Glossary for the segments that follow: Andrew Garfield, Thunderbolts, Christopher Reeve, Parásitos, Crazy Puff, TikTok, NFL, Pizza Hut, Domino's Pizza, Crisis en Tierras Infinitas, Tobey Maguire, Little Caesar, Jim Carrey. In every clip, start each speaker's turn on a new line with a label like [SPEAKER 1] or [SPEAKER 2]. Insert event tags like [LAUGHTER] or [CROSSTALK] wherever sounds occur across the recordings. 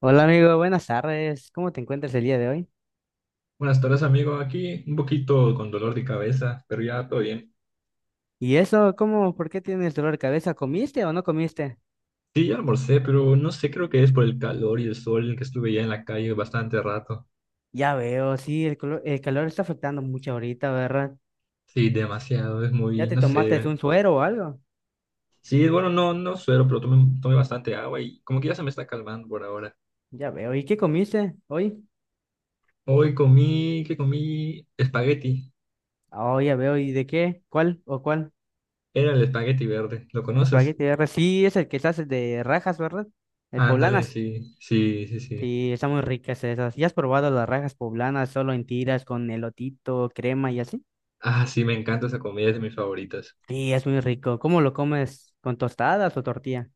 [SPEAKER 1] Hola amigo, buenas tardes. ¿Cómo te encuentras el día de hoy?
[SPEAKER 2] Buenas tardes, amigo. Aquí un poquito con dolor de cabeza, pero ya todo bien.
[SPEAKER 1] ¿Y eso? ¿Cómo? ¿Por qué tienes dolor de cabeza? ¿Comiste o no comiste?
[SPEAKER 2] Sí, ya almorcé, pero no sé, creo que es por el calor y el sol que estuve ya en la calle bastante rato.
[SPEAKER 1] Ya veo, sí, el calor está afectando mucho ahorita, ¿verdad?
[SPEAKER 2] Sí, demasiado, es
[SPEAKER 1] ¿Ya
[SPEAKER 2] muy,
[SPEAKER 1] te
[SPEAKER 2] no
[SPEAKER 1] tomaste
[SPEAKER 2] sé.
[SPEAKER 1] un suero o algo?
[SPEAKER 2] Sí, bueno, no, no suero, pero tomé bastante agua y como que ya se me está calmando por ahora.
[SPEAKER 1] Ya veo. ¿Y qué comiste hoy?
[SPEAKER 2] Hoy comí, ¿qué comí? Espagueti.
[SPEAKER 1] Oh, ya veo. ¿Y de qué? ¿Cuál o cuál?
[SPEAKER 2] Era el espagueti verde. ¿Lo conoces?
[SPEAKER 1] Espagueti R. Sí, es el que se hace de rajas, ¿verdad? El
[SPEAKER 2] Ándale,
[SPEAKER 1] poblanas.
[SPEAKER 2] sí, sí, sí, sí.
[SPEAKER 1] Sí, están muy ricas esas. ¿Ya has probado las rajas poblanas solo en tiras con elotito, crema y así?
[SPEAKER 2] Ah, sí, me encanta esa comida, es de mis favoritas.
[SPEAKER 1] Sí, es muy rico. ¿Cómo lo comes? ¿Con tostadas o tortilla?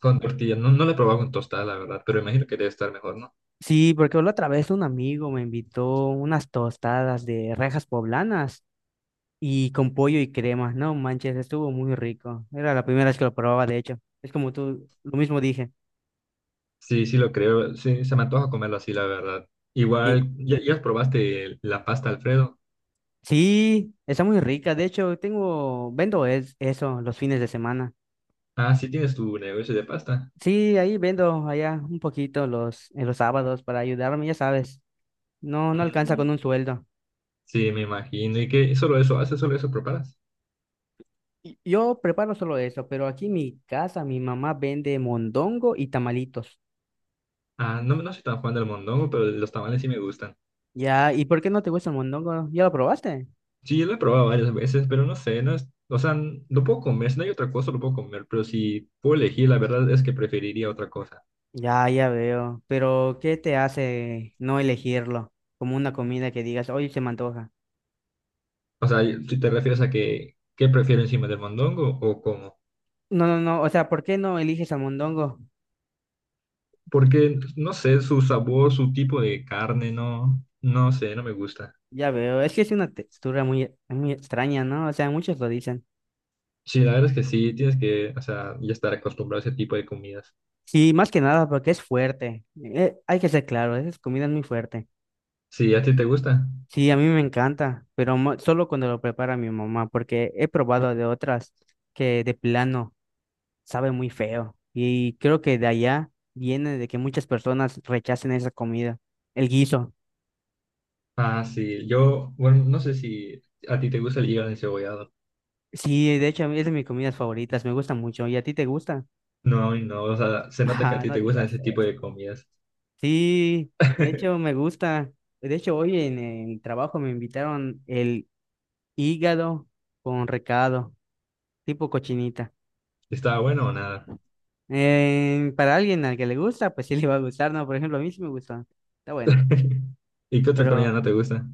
[SPEAKER 2] Con tortilla. No, no la he probado con tostada, la verdad, pero imagino que debe estar mejor, ¿no?
[SPEAKER 1] Sí, porque la otra vez un amigo me invitó unas tostadas de rejas poblanas y con pollo y crema. No manches, estuvo muy rico. Era la primera vez que lo probaba, de hecho. Es como tú, lo mismo dije.
[SPEAKER 2] Sí, sí lo creo. Sí, se me antoja comerlo así, la verdad.
[SPEAKER 1] Eh,
[SPEAKER 2] Igual, ¿ya probaste la pasta Alfredo?
[SPEAKER 1] sí, está muy rica. De hecho, tengo, vendo es, eso los fines de semana.
[SPEAKER 2] Ah, sí tienes tu negocio de pasta.
[SPEAKER 1] Sí, ahí vendo allá un poquito los, en los sábados para ayudarme, ya sabes. No, no alcanza
[SPEAKER 2] Mm,
[SPEAKER 1] con un sueldo.
[SPEAKER 2] sí, me imagino. ¿Y qué? ¿Solo eso haces? ¿Solo eso preparas?
[SPEAKER 1] Yo preparo solo eso, pero aquí en mi casa mi mamá vende mondongo y tamalitos.
[SPEAKER 2] Ah, no, no soy tan fan del mondongo, pero los tamales sí me gustan.
[SPEAKER 1] Ya, ¿y por qué no te gusta el mondongo? ¿Ya lo probaste?
[SPEAKER 2] Sí, lo he probado varias veces, pero no sé, no es, o sea, lo puedo comer, si no hay otra cosa lo puedo comer, pero si puedo elegir, la verdad es que preferiría otra cosa.
[SPEAKER 1] Ya, ya veo. Pero, ¿qué te hace no elegirlo como una comida que digas, oye, se me antoja?
[SPEAKER 2] O sea, si te refieres a que, ¿qué prefiero encima del mondongo o cómo?
[SPEAKER 1] No, no, no, o sea, ¿por qué no eliges al mondongo?
[SPEAKER 2] Porque, no sé, su sabor, su tipo de carne, no, no sé, no me gusta.
[SPEAKER 1] Ya veo, es que es una textura muy, muy extraña, ¿no? O sea, muchos lo dicen.
[SPEAKER 2] Sí, la verdad es que sí, tienes que, o sea, ya estar acostumbrado a ese tipo de comidas.
[SPEAKER 1] Sí, más que nada porque es fuerte. Hay que ser claro, esa comida es muy fuerte.
[SPEAKER 2] Sí, ¿a ti te gusta?
[SPEAKER 1] Sí, a mí me encanta, pero solo cuando lo prepara mi mamá, porque he probado de otras que de plano sabe muy feo. Y creo que de allá viene de que muchas personas rechacen esa comida, el guiso.
[SPEAKER 2] Ah, sí, yo, bueno, no sé si a ti te gusta el hígado encebollado.
[SPEAKER 1] Sí, de hecho, a mí es de mis comidas favoritas, me gusta mucho. ¿Y a ti te gusta? [LAUGHS]
[SPEAKER 2] No, y no, o sea, se nota que a
[SPEAKER 1] Ah,
[SPEAKER 2] ti
[SPEAKER 1] no
[SPEAKER 2] te gustan
[SPEAKER 1] digas
[SPEAKER 2] ese tipo de
[SPEAKER 1] eso.
[SPEAKER 2] comidas.
[SPEAKER 1] Sí, de hecho, me gusta. De hecho, hoy en el trabajo me invitaron el hígado con recado, tipo cochinita.
[SPEAKER 2] ¿Está bueno o nada?
[SPEAKER 1] Para alguien al que le gusta, pues sí le va a gustar, ¿no? Por ejemplo, a mí sí me gusta. Está bueno.
[SPEAKER 2] [LAUGHS] ¿Y qué otra comida
[SPEAKER 1] Pero
[SPEAKER 2] no te gusta?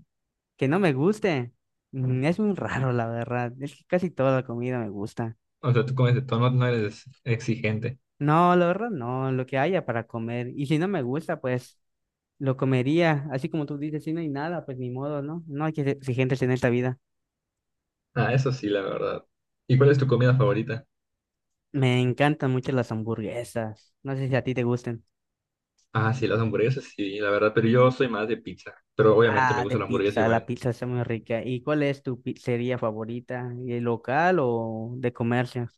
[SPEAKER 1] que no me guste. Es muy raro, la verdad. Es que casi toda la comida me gusta.
[SPEAKER 2] O sea, tú comes de todo, no eres exigente.
[SPEAKER 1] No, la verdad, no, lo que haya para comer. Y si no me gusta, pues lo comería. Así como tú dices, si no hay nada, pues ni modo, ¿no? No hay que ser exigentes en esta vida.
[SPEAKER 2] Ah, eso sí, la verdad. ¿Y cuál es tu comida favorita?
[SPEAKER 1] Me encantan mucho las hamburguesas. No sé si a ti te gusten.
[SPEAKER 2] Ah, sí, las hamburguesas, sí, la verdad, pero yo soy más de pizza, pero obviamente me
[SPEAKER 1] Ah, de
[SPEAKER 2] gusta la hamburguesa
[SPEAKER 1] pizza, la
[SPEAKER 2] igual.
[SPEAKER 1] pizza está muy rica. ¿Y cuál es tu pizzería favorita? ¿El local o de comercio?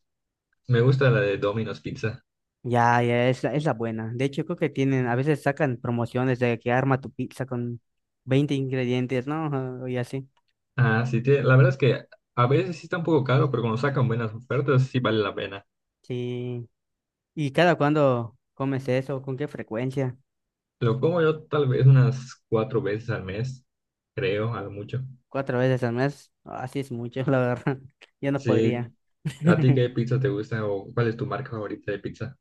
[SPEAKER 2] Me gusta la de Domino's Pizza.
[SPEAKER 1] Ya, ya, es la buena. De hecho, creo que tienen, a veces sacan promociones de que arma tu pizza con 20 ingredientes, ¿no? Y así.
[SPEAKER 2] Ah, sí, la verdad es que a veces sí está un poco caro, pero cuando sacan buenas ofertas sí vale la pena.
[SPEAKER 1] Sí. ¿Y cada cuándo comes eso? ¿Con qué frecuencia?
[SPEAKER 2] Lo como yo tal vez unas cuatro veces al mes, creo, a lo mucho.
[SPEAKER 1] ¿Cuatro veces al mes? Así es mucho, la verdad. [LAUGHS] Yo no podría.
[SPEAKER 2] Sí, ¿a ti qué
[SPEAKER 1] [LAUGHS]
[SPEAKER 2] pizza te gusta o cuál es tu marca favorita de pizza?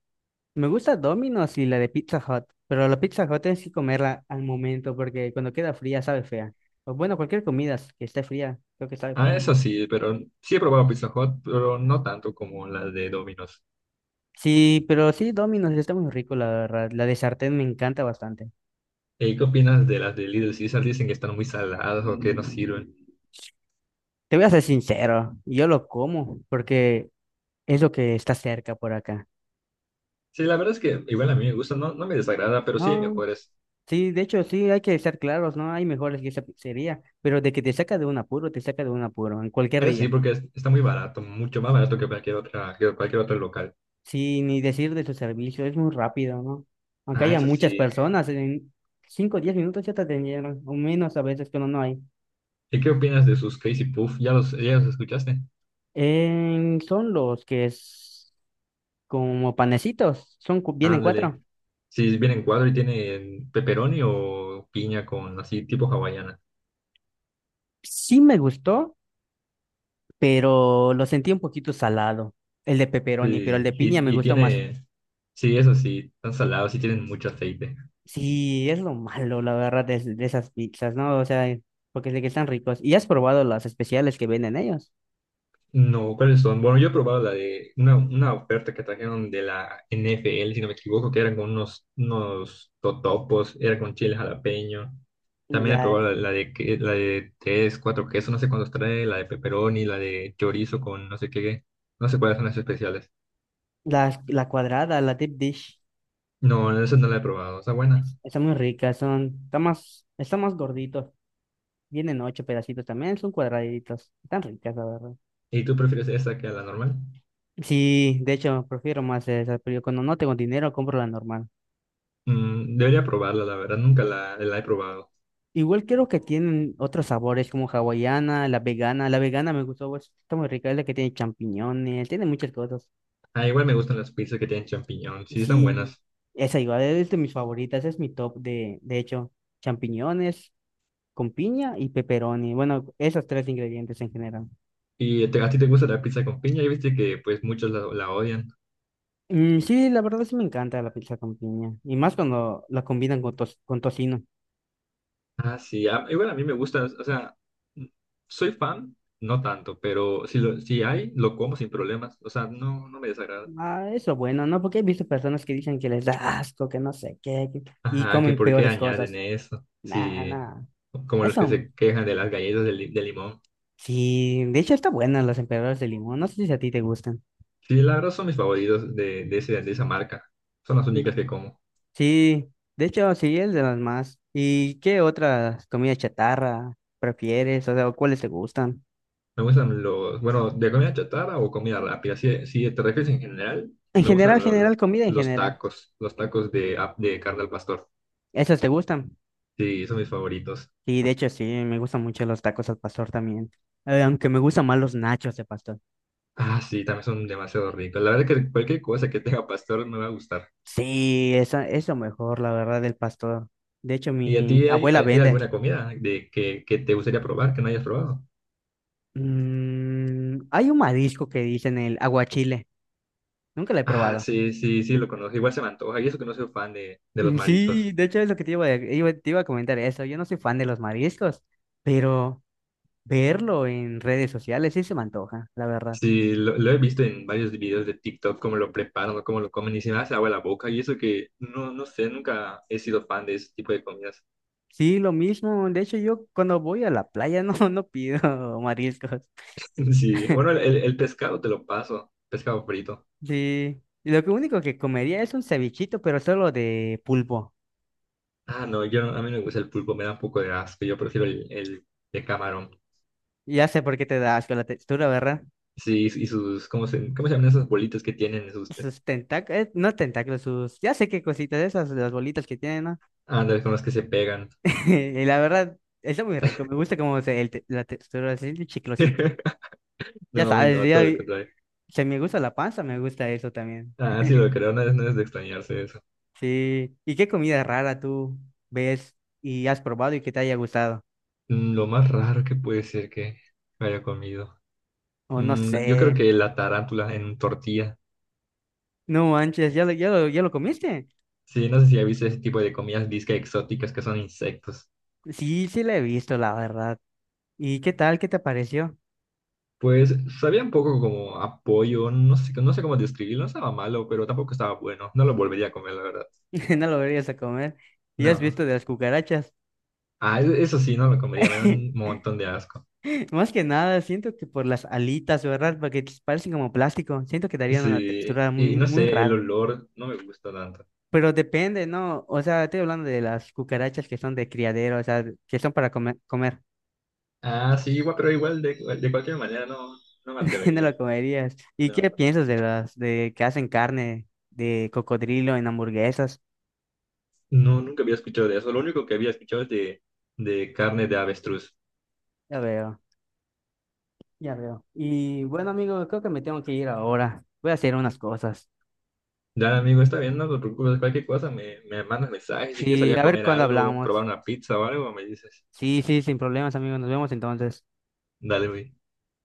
[SPEAKER 1] Me gusta Domino's y la de Pizza Hut, pero la Pizza Hut tienes que comerla al momento porque cuando queda fría sabe fea. O bueno, cualquier comida que esté fría, creo que sabe
[SPEAKER 2] Ah,
[SPEAKER 1] fea.
[SPEAKER 2] eso sí, pero sí he probado Pizza Hut, pero no tanto como las de Domino's.
[SPEAKER 1] Sí, pero sí, Domino's sí está muy rico, la verdad. La de sartén me encanta bastante.
[SPEAKER 2] ¿Y qué opinas de las de Little Caesar? Dicen que están muy saladas o que no sirven.
[SPEAKER 1] Te voy a ser sincero, yo lo como porque es lo que está cerca por acá.
[SPEAKER 2] Sí, la verdad es que igual a mí me gusta, no, no me desagrada, pero sí hay
[SPEAKER 1] No,
[SPEAKER 2] mejores.
[SPEAKER 1] sí, de hecho, sí, hay que ser claros, ¿no? Hay mejores que esa pizzería, pero de que te saca de un apuro, te saca de un apuro, en cualquier
[SPEAKER 2] Eso sí,
[SPEAKER 1] día.
[SPEAKER 2] porque está muy barato, mucho más barato que cualquier otra, que cualquier otro local.
[SPEAKER 1] Sí, ni decir de su servicio, es muy rápido, ¿no? Aunque
[SPEAKER 2] Ah,
[SPEAKER 1] haya
[SPEAKER 2] eso
[SPEAKER 1] muchas
[SPEAKER 2] sí.
[SPEAKER 1] personas, en 5 o 10 minutos ya te atendieron, o menos a veces, pero no hay.
[SPEAKER 2] ¿Y qué opinas de sus Crazy Puff? ¿Ya los escuchaste?
[SPEAKER 1] Son los que es como panecitos, son, vienen 4.
[SPEAKER 2] Ándale. Si vienen cuadro y tienen pepperoni o piña con así tipo hawaiana.
[SPEAKER 1] Sí me gustó, pero lo sentí un poquito salado, el de pepperoni, pero el
[SPEAKER 2] Sí,
[SPEAKER 1] de piña me
[SPEAKER 2] y
[SPEAKER 1] gustó más.
[SPEAKER 2] tiene, sí, eso sí, están salados y tienen mucho aceite.
[SPEAKER 1] Sí, es lo malo, la verdad, de esas pizzas, ¿no? O sea, porque sé que están ricos. ¿Y has probado las especiales que venden ellos?
[SPEAKER 2] No, ¿cuáles son? Bueno, yo he probado la de una oferta que trajeron de la NFL, si no me equivoco, que eran con unos totopos, era con chile jalapeño. También he
[SPEAKER 1] Ya,
[SPEAKER 2] probado la de tres, cuatro quesos, no sé cuántos trae, la de pepperoni, la de chorizo con no sé qué, no sé cuáles son las especiales.
[SPEAKER 1] la cuadrada, la deep dish,
[SPEAKER 2] No, esa no la he probado, está buena.
[SPEAKER 1] están muy ricas, son, están más gorditos. Vienen 8 pedacitos también, son cuadraditos, están ricas, la verdad.
[SPEAKER 2] ¿Y tú prefieres esa que a la normal?
[SPEAKER 1] Sí, de hecho, prefiero más esas, pero yo cuando no tengo dinero compro la normal.
[SPEAKER 2] Debería probarla, la verdad, nunca la he probado.
[SPEAKER 1] Igual creo que tienen otros sabores como hawaiana, la vegana. La vegana me gustó, pues, está muy rica, es la que tiene champiñones, tiene muchas cosas.
[SPEAKER 2] Ah, igual me gustan las pizzas que tienen champiñón, sí, están
[SPEAKER 1] Sí,
[SPEAKER 2] buenas.
[SPEAKER 1] esa igual es de mis favoritas, es mi top de hecho, champiñones con piña y pepperoni. Bueno, esos tres ingredientes en general.
[SPEAKER 2] Y a ti te gusta la pizza con piña y viste que pues muchos la odian.
[SPEAKER 1] Sí, la verdad sí me encanta la pizza con piña y más cuando la combinan con, con tocino.
[SPEAKER 2] Ah, sí, igual a mí me gusta, o sea, mm, soy fan, no tanto, pero si, lo, si hay, lo como sin problemas, o sea, no, no me desagrada.
[SPEAKER 1] Ah, eso bueno, ¿no? Porque he visto personas que dicen que les da asco, que no sé qué, que y
[SPEAKER 2] Ajá, que
[SPEAKER 1] comen
[SPEAKER 2] por qué
[SPEAKER 1] peores
[SPEAKER 2] añaden
[SPEAKER 1] cosas.
[SPEAKER 2] eso,
[SPEAKER 1] Nah,
[SPEAKER 2] sí,
[SPEAKER 1] nah.
[SPEAKER 2] como los
[SPEAKER 1] Eso
[SPEAKER 2] que se quejan de las galletas de limón.
[SPEAKER 1] sí, de hecho está buena las emperadoras de limón. No sé si a ti te gustan.
[SPEAKER 2] Sí, la verdad son mis favoritos de esa marca, son las
[SPEAKER 1] Mm.
[SPEAKER 2] únicas que como.
[SPEAKER 1] Sí, de hecho sí, es de las más. ¿Y qué otras comidas chatarra prefieres? O sea, ¿cuáles te gustan?
[SPEAKER 2] Me gustan bueno, de comida chatarra o comida rápida. Si te refieres en general,
[SPEAKER 1] En
[SPEAKER 2] me
[SPEAKER 1] general,
[SPEAKER 2] gustan los,
[SPEAKER 1] general, comida en
[SPEAKER 2] los
[SPEAKER 1] general.
[SPEAKER 2] tacos, los tacos de carne al pastor.
[SPEAKER 1] ¿Esas te gustan?
[SPEAKER 2] Sí, son mis favoritos.
[SPEAKER 1] Sí, de hecho sí, me gustan mucho los tacos al pastor también. Aunque me gustan más los nachos de pastor.
[SPEAKER 2] Ah, sí, también son demasiado ricos. La verdad que cualquier cosa que tenga pastor me va a gustar.
[SPEAKER 1] Sí, esa, eso mejor, la verdad, del pastor. De hecho,
[SPEAKER 2] ¿Y a
[SPEAKER 1] mi
[SPEAKER 2] ti hay,
[SPEAKER 1] abuela
[SPEAKER 2] hay, hay
[SPEAKER 1] vende.
[SPEAKER 2] alguna comida de que te gustaría probar, que no hayas probado?
[SPEAKER 1] Hay un marisco que dicen el aguachile. Nunca lo he
[SPEAKER 2] Ah,
[SPEAKER 1] probado.
[SPEAKER 2] sí, sí, sí, lo conozco. Igual se me antoja. Y eso que no soy fan de los mariscos.
[SPEAKER 1] Sí, de hecho es lo que te iba, te iba a comentar eso. Yo no soy fan de los mariscos, pero verlo en redes sociales sí se me antoja, la verdad.
[SPEAKER 2] Sí, lo he visto en varios videos de TikTok, cómo lo preparan o cómo lo comen y se me hace agua la boca y eso que no, no sé, nunca he sido fan de ese tipo de comidas.
[SPEAKER 1] Sí, lo mismo. De hecho, yo cuando voy a la playa [LAUGHS] no, no pido [LAUGHS] mariscos.
[SPEAKER 2] [LAUGHS] Sí, bueno, el,
[SPEAKER 1] [LAUGHS]
[SPEAKER 2] el- el pescado te lo paso, pescado frito.
[SPEAKER 1] Sí, y lo que único que comería es un cevichito, pero solo de pulpo.
[SPEAKER 2] Ah, no, yo a mí no me gusta el pulpo, me da un poco de asco, yo prefiero el de camarón.
[SPEAKER 1] Ya sé por qué te da asco la textura, ¿verdad?
[SPEAKER 2] Sí, y sus, ¿cómo se llaman esas bolitas que tienen? Sus,
[SPEAKER 1] Sus tentáculos, no tentáculos, sus, ya sé qué cositas esas, las bolitas que tienen, ¿no?
[SPEAKER 2] ándale, con las que se pegan.
[SPEAKER 1] [LAUGHS] Y la verdad, está muy rico, me gusta como se, la textura, así, chiclosita.
[SPEAKER 2] [LAUGHS]
[SPEAKER 1] Ya
[SPEAKER 2] No, a mí
[SPEAKER 1] sabes,
[SPEAKER 2] no,
[SPEAKER 1] ya,
[SPEAKER 2] todo lo contrario.
[SPEAKER 1] se me gusta la panza, me gusta eso también.
[SPEAKER 2] Ah, sí, lo creo, no es, de extrañarse eso.
[SPEAKER 1] Sí. ¿Y qué comida rara tú ves y has probado y que te haya gustado?
[SPEAKER 2] Lo más raro que puede ser que haya comido.
[SPEAKER 1] O no
[SPEAKER 2] Yo creo
[SPEAKER 1] sé.
[SPEAKER 2] que la tarántula en tortilla.
[SPEAKER 1] No manches, ¿ya lo comiste?
[SPEAKER 2] Sí, no sé si has visto ese tipo de comidas disque exóticas que son insectos.
[SPEAKER 1] Sí, sí la he visto, la verdad. ¿Y qué tal? ¿Qué te pareció?
[SPEAKER 2] Pues sabía un poco como apoyo, no sé, no sé cómo describirlo, no estaba malo, pero tampoco estaba bueno. No lo volvería a comer, la verdad.
[SPEAKER 1] [LAUGHS] No lo verías a comer. ¿Y has
[SPEAKER 2] No.
[SPEAKER 1] visto de las cucarachas?
[SPEAKER 2] Ah, eso sí, no lo comería, me da un
[SPEAKER 1] [LAUGHS]
[SPEAKER 2] montón de asco.
[SPEAKER 1] Más que nada, siento que por las alitas, ¿verdad? Porque parecen como plástico. Siento que darían una
[SPEAKER 2] Sí,
[SPEAKER 1] textura
[SPEAKER 2] y
[SPEAKER 1] muy,
[SPEAKER 2] no
[SPEAKER 1] muy
[SPEAKER 2] sé, el
[SPEAKER 1] rara.
[SPEAKER 2] olor no me gusta tanto.
[SPEAKER 1] Pero depende, ¿no? O sea, estoy hablando de las cucarachas que son de criadero, o sea, que son para comer.
[SPEAKER 2] Ah, sí, igual, pero igual de cualquier manera no, no me
[SPEAKER 1] [LAUGHS] No
[SPEAKER 2] atrevería.
[SPEAKER 1] lo comerías. ¿Y qué
[SPEAKER 2] No,
[SPEAKER 1] piensas de las de que hacen carne de cocodrilo en hamburguesas?
[SPEAKER 2] no, nunca había escuchado de eso. Lo único que había escuchado es de carne de avestruz.
[SPEAKER 1] Ya veo, ya veo. Y bueno, amigo, creo que me tengo que ir ahora. Voy a hacer unas cosas.
[SPEAKER 2] Ya, amigo, está bien, no te preocupes, cualquier cosa, me mandas mensajes, si quieres
[SPEAKER 1] Sí,
[SPEAKER 2] salir a
[SPEAKER 1] a ver
[SPEAKER 2] comer
[SPEAKER 1] cuándo
[SPEAKER 2] algo,
[SPEAKER 1] hablamos.
[SPEAKER 2] probar una pizza o algo, me dices.
[SPEAKER 1] Sí, sí, sin problemas, amigo. Nos vemos entonces.
[SPEAKER 2] Dale, güey.